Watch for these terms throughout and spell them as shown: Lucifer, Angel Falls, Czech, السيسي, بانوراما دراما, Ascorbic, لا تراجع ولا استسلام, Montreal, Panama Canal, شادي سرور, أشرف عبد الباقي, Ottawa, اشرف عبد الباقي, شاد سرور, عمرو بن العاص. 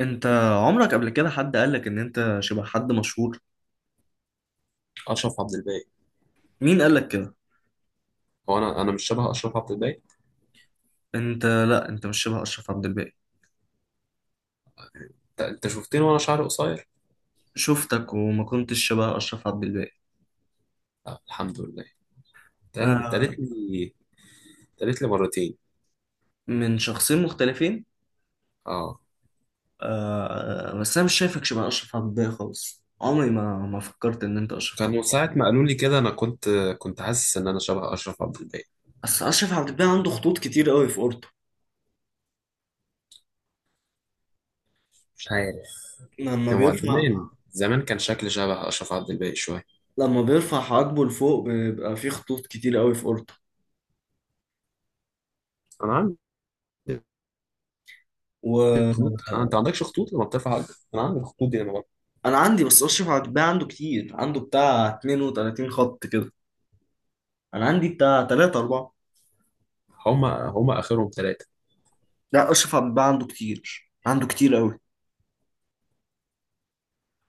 انت عمرك قبل كده حد قالك ان انت شبه حد مشهور؟ اشرف عبد الباقي. مين قالك كده؟ هو انا مش شبه اشرف عبد الباقي. انت، لا انت مش شبه اشرف عبد الباقي. أنت شفتني وانا شعري قصير. شفتك وما كنتش شبه اشرف عبد الباقي. لا، الحمد لله. ده اللي آه. اتقالت لي. اتقالت لي مرتين. من شخصين مختلفين. اه. آه، آه، بس انا مش شايفك شبه اشرف عبد الباقي خالص، عمري ما فكرت ان انت اشرف عبد. كانوا ساعة ما قالوا لي كده انا كنت حاسس ان انا شبه اشرف عبد الباقي. بس اشرف عبد الباقي عنده خطوط كتير قوي في اورته مش عارف. لما هو بيرفع زمان زمان كان شكلي شبه اشرف عبد الباقي شويه. لما بيرفع حواجبه لفوق بيبقى فيه خطوط كتير قوي في اورته. انا عندي وانا خطوط. آه، انت ما عندكش خطوط لما بترفع عقلك. انا عندي الخطوط دي لما... عندي، بس اشرف عبد الباقي عنده كتير، عنده بتاع 32 خط كده، انا عندي بتاع تلاتة اربعة. هما اخرهم ثلاثه. لا اشرف عبد الباقي عنده كتير، عنده كتير قوي.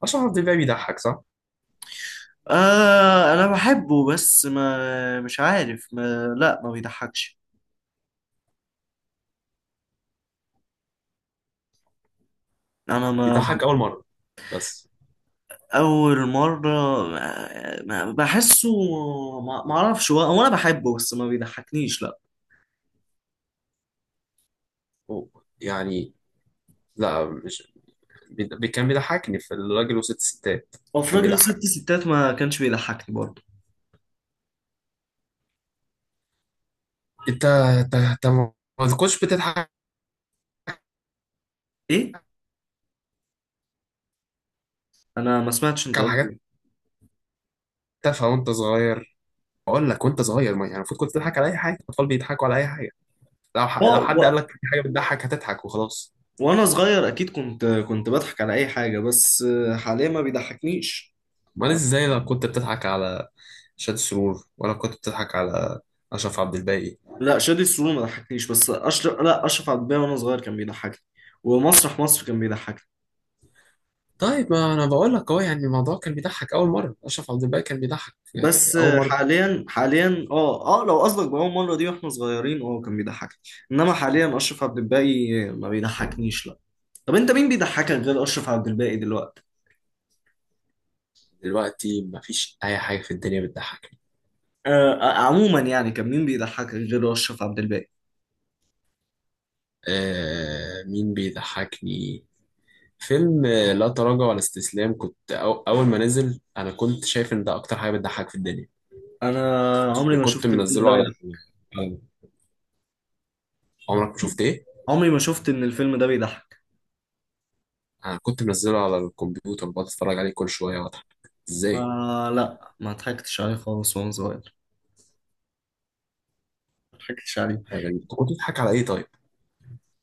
اشرف عبد الباقي بيضحك، صح؟ آه انا بحبه بس ما مش عارف، ما بيضحكش. انا ما ما- بيضحك اول مره بس. اول مرة، بحسه. ما اعرفش، هو هو انا بحبه بس ما بيضحكنيش، لا. أوه، يعني... لا، مش... كان بيضحكني في الراجل وست ستات. وفي كان راجل ست بيضحك. ستات ما كانش بيضحكني برضه. انت ما كنتش بتضحك ايه؟ انا ما سمعتش انت على قلت حاجات ايه. تافهه وانت صغير. بقول لك وانت صغير، ما يعني المفروض كنت تضحك على اي حاجه. الاطفال بيضحكوا على اي حاجه. و... لو حد قال و... لك في حاجه بتضحك هتضحك وخلاص. وانا صغير اكيد كنت بضحك على اي حاجة، بس حاليا ما بيضحكنيش. امال ازاي؟ لو كنت بتضحك على شاد سرور ولا كنت بتضحك على اشرف عبد الباقي؟ لا شادي سرور ما ضحكنيش، بس اشرف لا اشرف عبد الباقي وانا صغير كان بيضحكني، ومسرح مصر كان بيضحكني. طيب ما انا بقول لك اهو، يعني الموضوع كان بيضحك اول مره. اشرف عبد الباقي كان بيضحك في بس اول مره. حاليا لو قصدك بأول مرة دي واحنا صغيرين، اه كان بيضحكني، انما حاليا اشرف عبد الباقي ما بيضحكنيش، لا. طب انت مين بيضحكك غير اشرف عبد الباقي دلوقتي؟ دلوقتي ما فيش اي حاجه في الدنيا بتضحك. آه، آه، عموما يعني كان مين بيضحكك غير اشرف عبد الباقي؟ آه، مين بيضحكني؟ فيلم آه، لا تراجع ولا استسلام. كنت أول ما نزل أنا كنت شايف إن ده أكتر حاجة بتضحك في الدنيا. انا عمري ما وكنت شفت الفيلم ده منزله بيضحك. على- عمرك ما شفت إيه؟ عمري ما شفت ان الفيلم ده بيضحك. أنا كنت منزله على الكمبيوتر، بقعد أتفرج عليه كل شوية وأضحك. إزاي؟ ما ضحكتش عليه خالص وانا صغير، ما ضحكتش عليه. حاجة غريبة. أنت كنت بتضحك على إيه طيب؟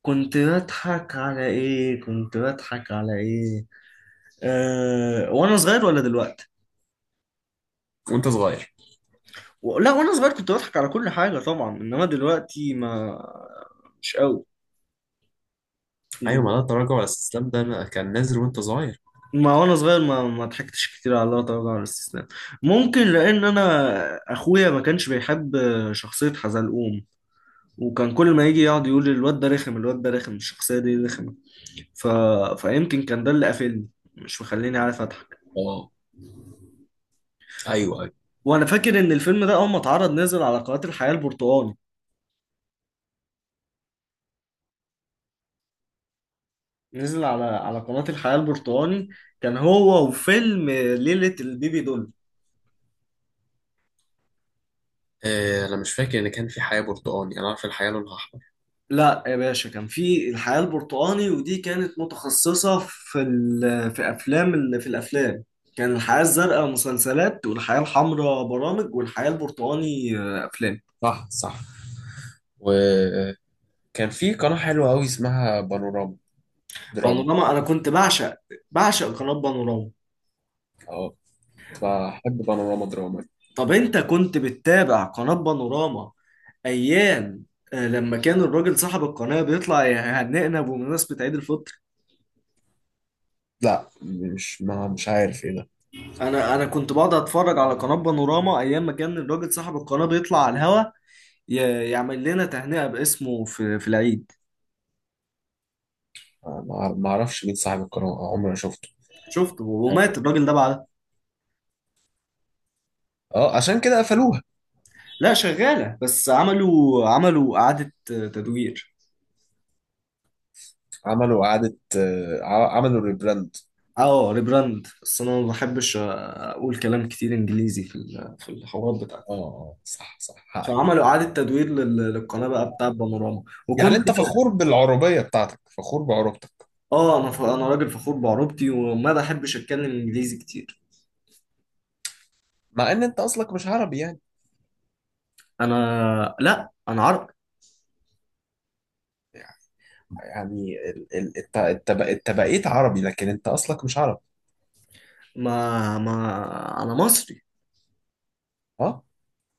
كنت بضحك على ايه، كنت بضحك على ايه؟ وانا صغير ولا دلوقتي؟ وأنت صغير. لا وانا صغير كنت بضحك على كل حاجة طبعا، انما دلوقتي ما، مش قوي أيوة، ما لا دلوقتي. تراجع ولا استسلام ده أنا كان نازل وأنت صغير. ما وانا صغير ما ضحكتش كتير على الله طبعا، على الاستسلام. ممكن لان انا اخويا ما كانش بيحب شخصية حزلقوم، وكان كل ما يجي يقعد يقول لي الواد ده رخم، الواد ده رخم، الشخصية دي رخمة. ف... فيمكن كان ده اللي قافلني، مش مخليني عارف اضحك. أه، أيوه أيوه. وانا فاكر ان الفيلم ده اول ما اتعرض نزل على قناة الحياة البرتقالي. نزل على قناة الحياة البرتقالي. كان هو وفيلم ليلة البيبي دول. آه، أنا مش فاكر إن كان في حياة برتقاني. أنا عارف الحياة لونها أحمر. لا يا باشا، كان في الحياة البرتقالي ودي كانت متخصصة في افلام في الافلام. كان الحياة الزرقاء مسلسلات، والحياة الحمراء برامج، والحياة البرتقالي افلام. صح صح. و... كان في قناة حلوة أوي اسمها بانوراما دراما. بانوراما، انا كنت بعشق، بعشق قناة بانوراما. اه، كنت بحب بانوراما دراما. طب انت كنت بتتابع قناة بانوراما ايام، لما كان الراجل صاحب القناه بيطلع يهنئنا بمناسبه عيد الفطر؟ لا، مش عارف ايه ده. انا كنت بقعد اتفرج على قناه بانوراما ايام ما كان الراجل صاحب القناه بيطلع على الهوا، يعمل لنا تهنئه باسمه في العيد. ما اعرفش مين صاحب القناة. آه، عمري ما شفته. شفت اه، ومات الراجل ده بعدها. آه، عشان كده قفلوها. لا شغاله، بس عملوا اعاده تدوير. عملوا إعادة، آه، عملوا ريبراند. اه ريبراند، بس انا ما بحبش اقول كلام كتير انجليزي في الحوارات اه، بتاعتي. آه، صح صح، حقك. فعملوا اعاده تدوير للقناه بقى بتاع بانوراما، وكنا. يعني انت فخور بالعربية بتاعتك، فخور بعروبتك. اه انا انا راجل فخور بعروبتي وما بحبش اتكلم انجليزي كتير. مع ان انت اصلك مش عربي يعني. انا، لا، انا عربي. يعني انت بقيت عربي لكن انت اصلك مش عربي. ما ما انا مصري اه.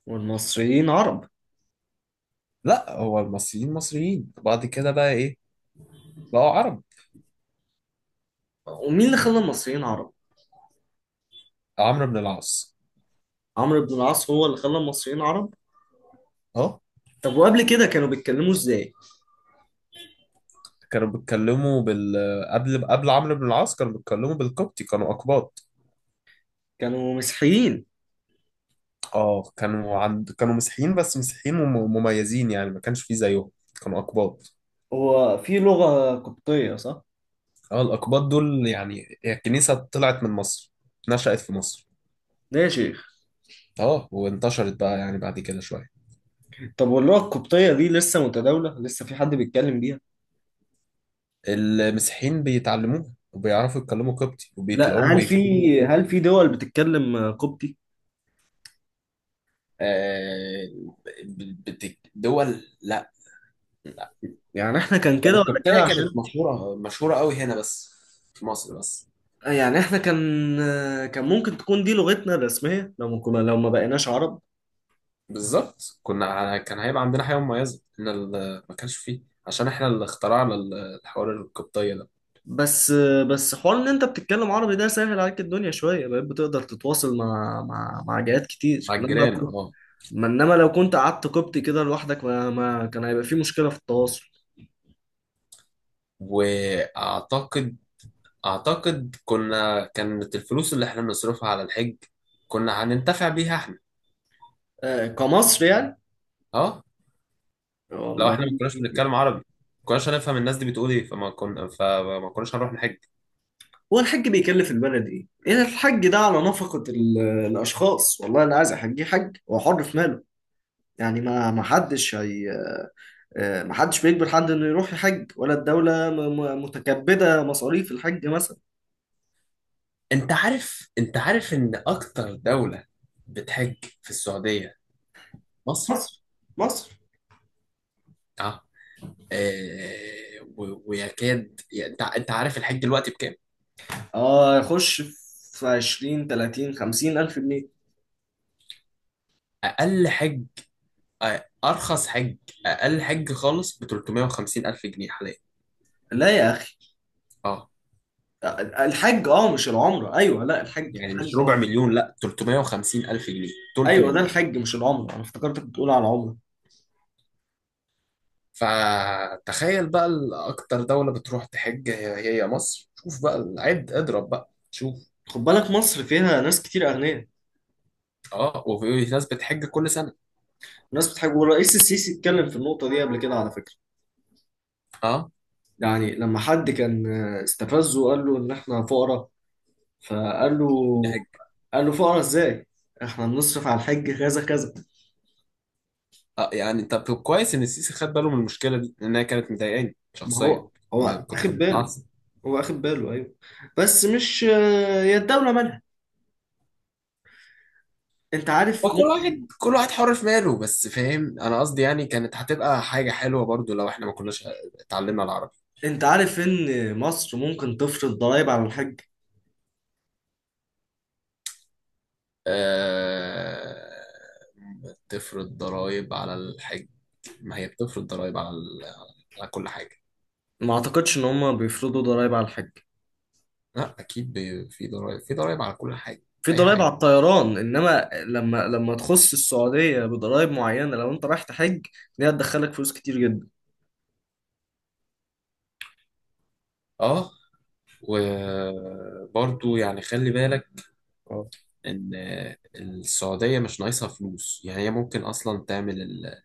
والمصريين عرب. لا، هو المصريين مصريين، بعد كده بقى ايه؟ بقوا عرب. ومين اللي خلى المصريين عرب؟ عمرو بن العاص. عمرو بن العاص هو اللي خلى المصريين عرب. اه. طب وقبل كده كانوا بيتكلموا ازاي؟ كانوا بيتكلموا قبل عمرو بن العاص كانوا بيتكلموا بالقبطي. كانوا أقباط. كانوا مسيحيين. اه، كانوا مسيحيين، بس مسيحيين مميزين، يعني ما كانش فيه زيهم. كانوا أقباط. هو في لغة قبطية صح؟ اه، الأقباط دول يعني هي الكنيسة طلعت من مصر، نشأت في مصر. ده يا شيخ. اه، وانتشرت بقى يعني بعد كده شوية. طب واللغة القبطية دي لسه متداولة، لسه في حد بيتكلم بيها؟ المسيحيين بيتعلموها وبيعرفوا يتكلموا قبطي، لا، وبيتلاقوهم بيكتبوا هل قبطي. في دول بتتكلم قبطي؟ آه، دول لا. يعني احنا كان ده كده ولا كده الكوبتاية كانت عشان، مشهورة مشهورة قوي هنا، بس في مصر بس. آه، يعني احنا كان آه، كان ممكن تكون دي لغتنا الرسمية لو ما كنا، لو ما بقيناش عرب. بالظبط، كنا كان هيبقى عندنا حاجة مميزة ان ما كانش فيه، عشان احنا اللي اخترعنا الحوار الكوبتاية ده. بس آه، بس حوار ان انت بتتكلم عربي ده سهل عليك الدنيا شوية، بقيت بتقدر تتواصل مع جهات كتير، مع انما لو الجيران، كنت اه. ما انما لو كنت قعدت قبطي كده لوحدك، ما كان هيبقى في مشكلة في التواصل. واعتقد اعتقد كنا... كانت الفلوس اللي احنا بنصرفها على الحج كنا هننتفع بيها احنا. آه، كمصر يعني. اه. لو والله. احنا ما كناش بنتكلم عربي، ما كناش هنفهم الناس دي بتقول ايه. فما كناش هنروح نحج. هو الحج بيكلف البلد ايه؟ ايه الحج ده على نفقة الاشخاص، والله اللي عايز احجيه حج هو حر في ماله. يعني ما حدش هي، آه، محدش بيجبر حد انه يروح يحج، ولا الدولة متكبدة مصاريف الحج مثلا. انت عارف ان اكتر دولة بتحج في السعودية مصر. مصر، مصر. اه، آه، ويكاد يعني. انت عارف الحج دلوقتي بكام؟ اه يخش في 20 30 50 الف جنيه. اقل حج، آه، ارخص حج، اقل حج خالص ب 350 الف جنيه حاليا. لا يا اخي، اه، الحج اه مش العمرة. ايوه، لا الحج يعني مش ربع اه، مليون، لا 350 الف جنيه، تلت ايوه ده مليون. الحج مش العمرة، انا افتكرتك بتقول على العمرة. فتخيل بقى اكتر دولة بتروح تحج هي، هي مصر. شوف بقى، عد، اضرب بقى، شوف. خد بالك مصر فيها ناس كتير اغنياء. اه، وفي ناس بتحج كل سنة. ناس بتحج، والرئيس السيسي اتكلم في النقطة دي قبل كده على فكرة. اه. يعني لما حد كان استفزه وقال له ان احنا فقراء، فقال له، قال له فقرا ازاي؟ احنا بنصرف على الحج كذا كذا. اه يعني، طب كويس ان السيسي خد باله من المشكله دي لانها كانت مضايقاني ما شخصيا. هو اخد كنت باله، متعصب. هو اخد باله ايوه. بس مش هي الدولة مالها. انت عارف هو مم... كل واحد حر في ماله، بس فاهم انا قصدي يعني كانت هتبقى حاجه حلوه برضو لو احنا ما كناش اتعلمنا العربي. انت عارف ان مصر ممكن تفرض ضرائب على الحج. أه... تفرض ضرائب على الحج. ما هي بتفرض ضرائب على ال... على كل حاجه. ما اعتقدش ان هم بيفرضوا ضرائب على الحج. لا، اكيد في ضرائب على كل حاجه. في اي ضرائب حاجه. على الطيران، انما لما تخص السعودية بضرائب معينة لو انت رايح تحج، دي هتدخلك فلوس كتير جدا. اه، وبرضو يعني خلي بالك اه ان السعوديه مش ناقصها فلوس. يعني هي ممكن اصلا تعمل ال...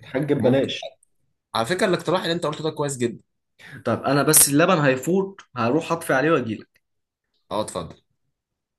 الحج ممكن. ببلاش. على فكره الاقتراح اللي انت قلته ده كويس جدا. طب انا بس اللبن هيفوت، هروح اطفي عليه واجيلك. اه، اتفضل.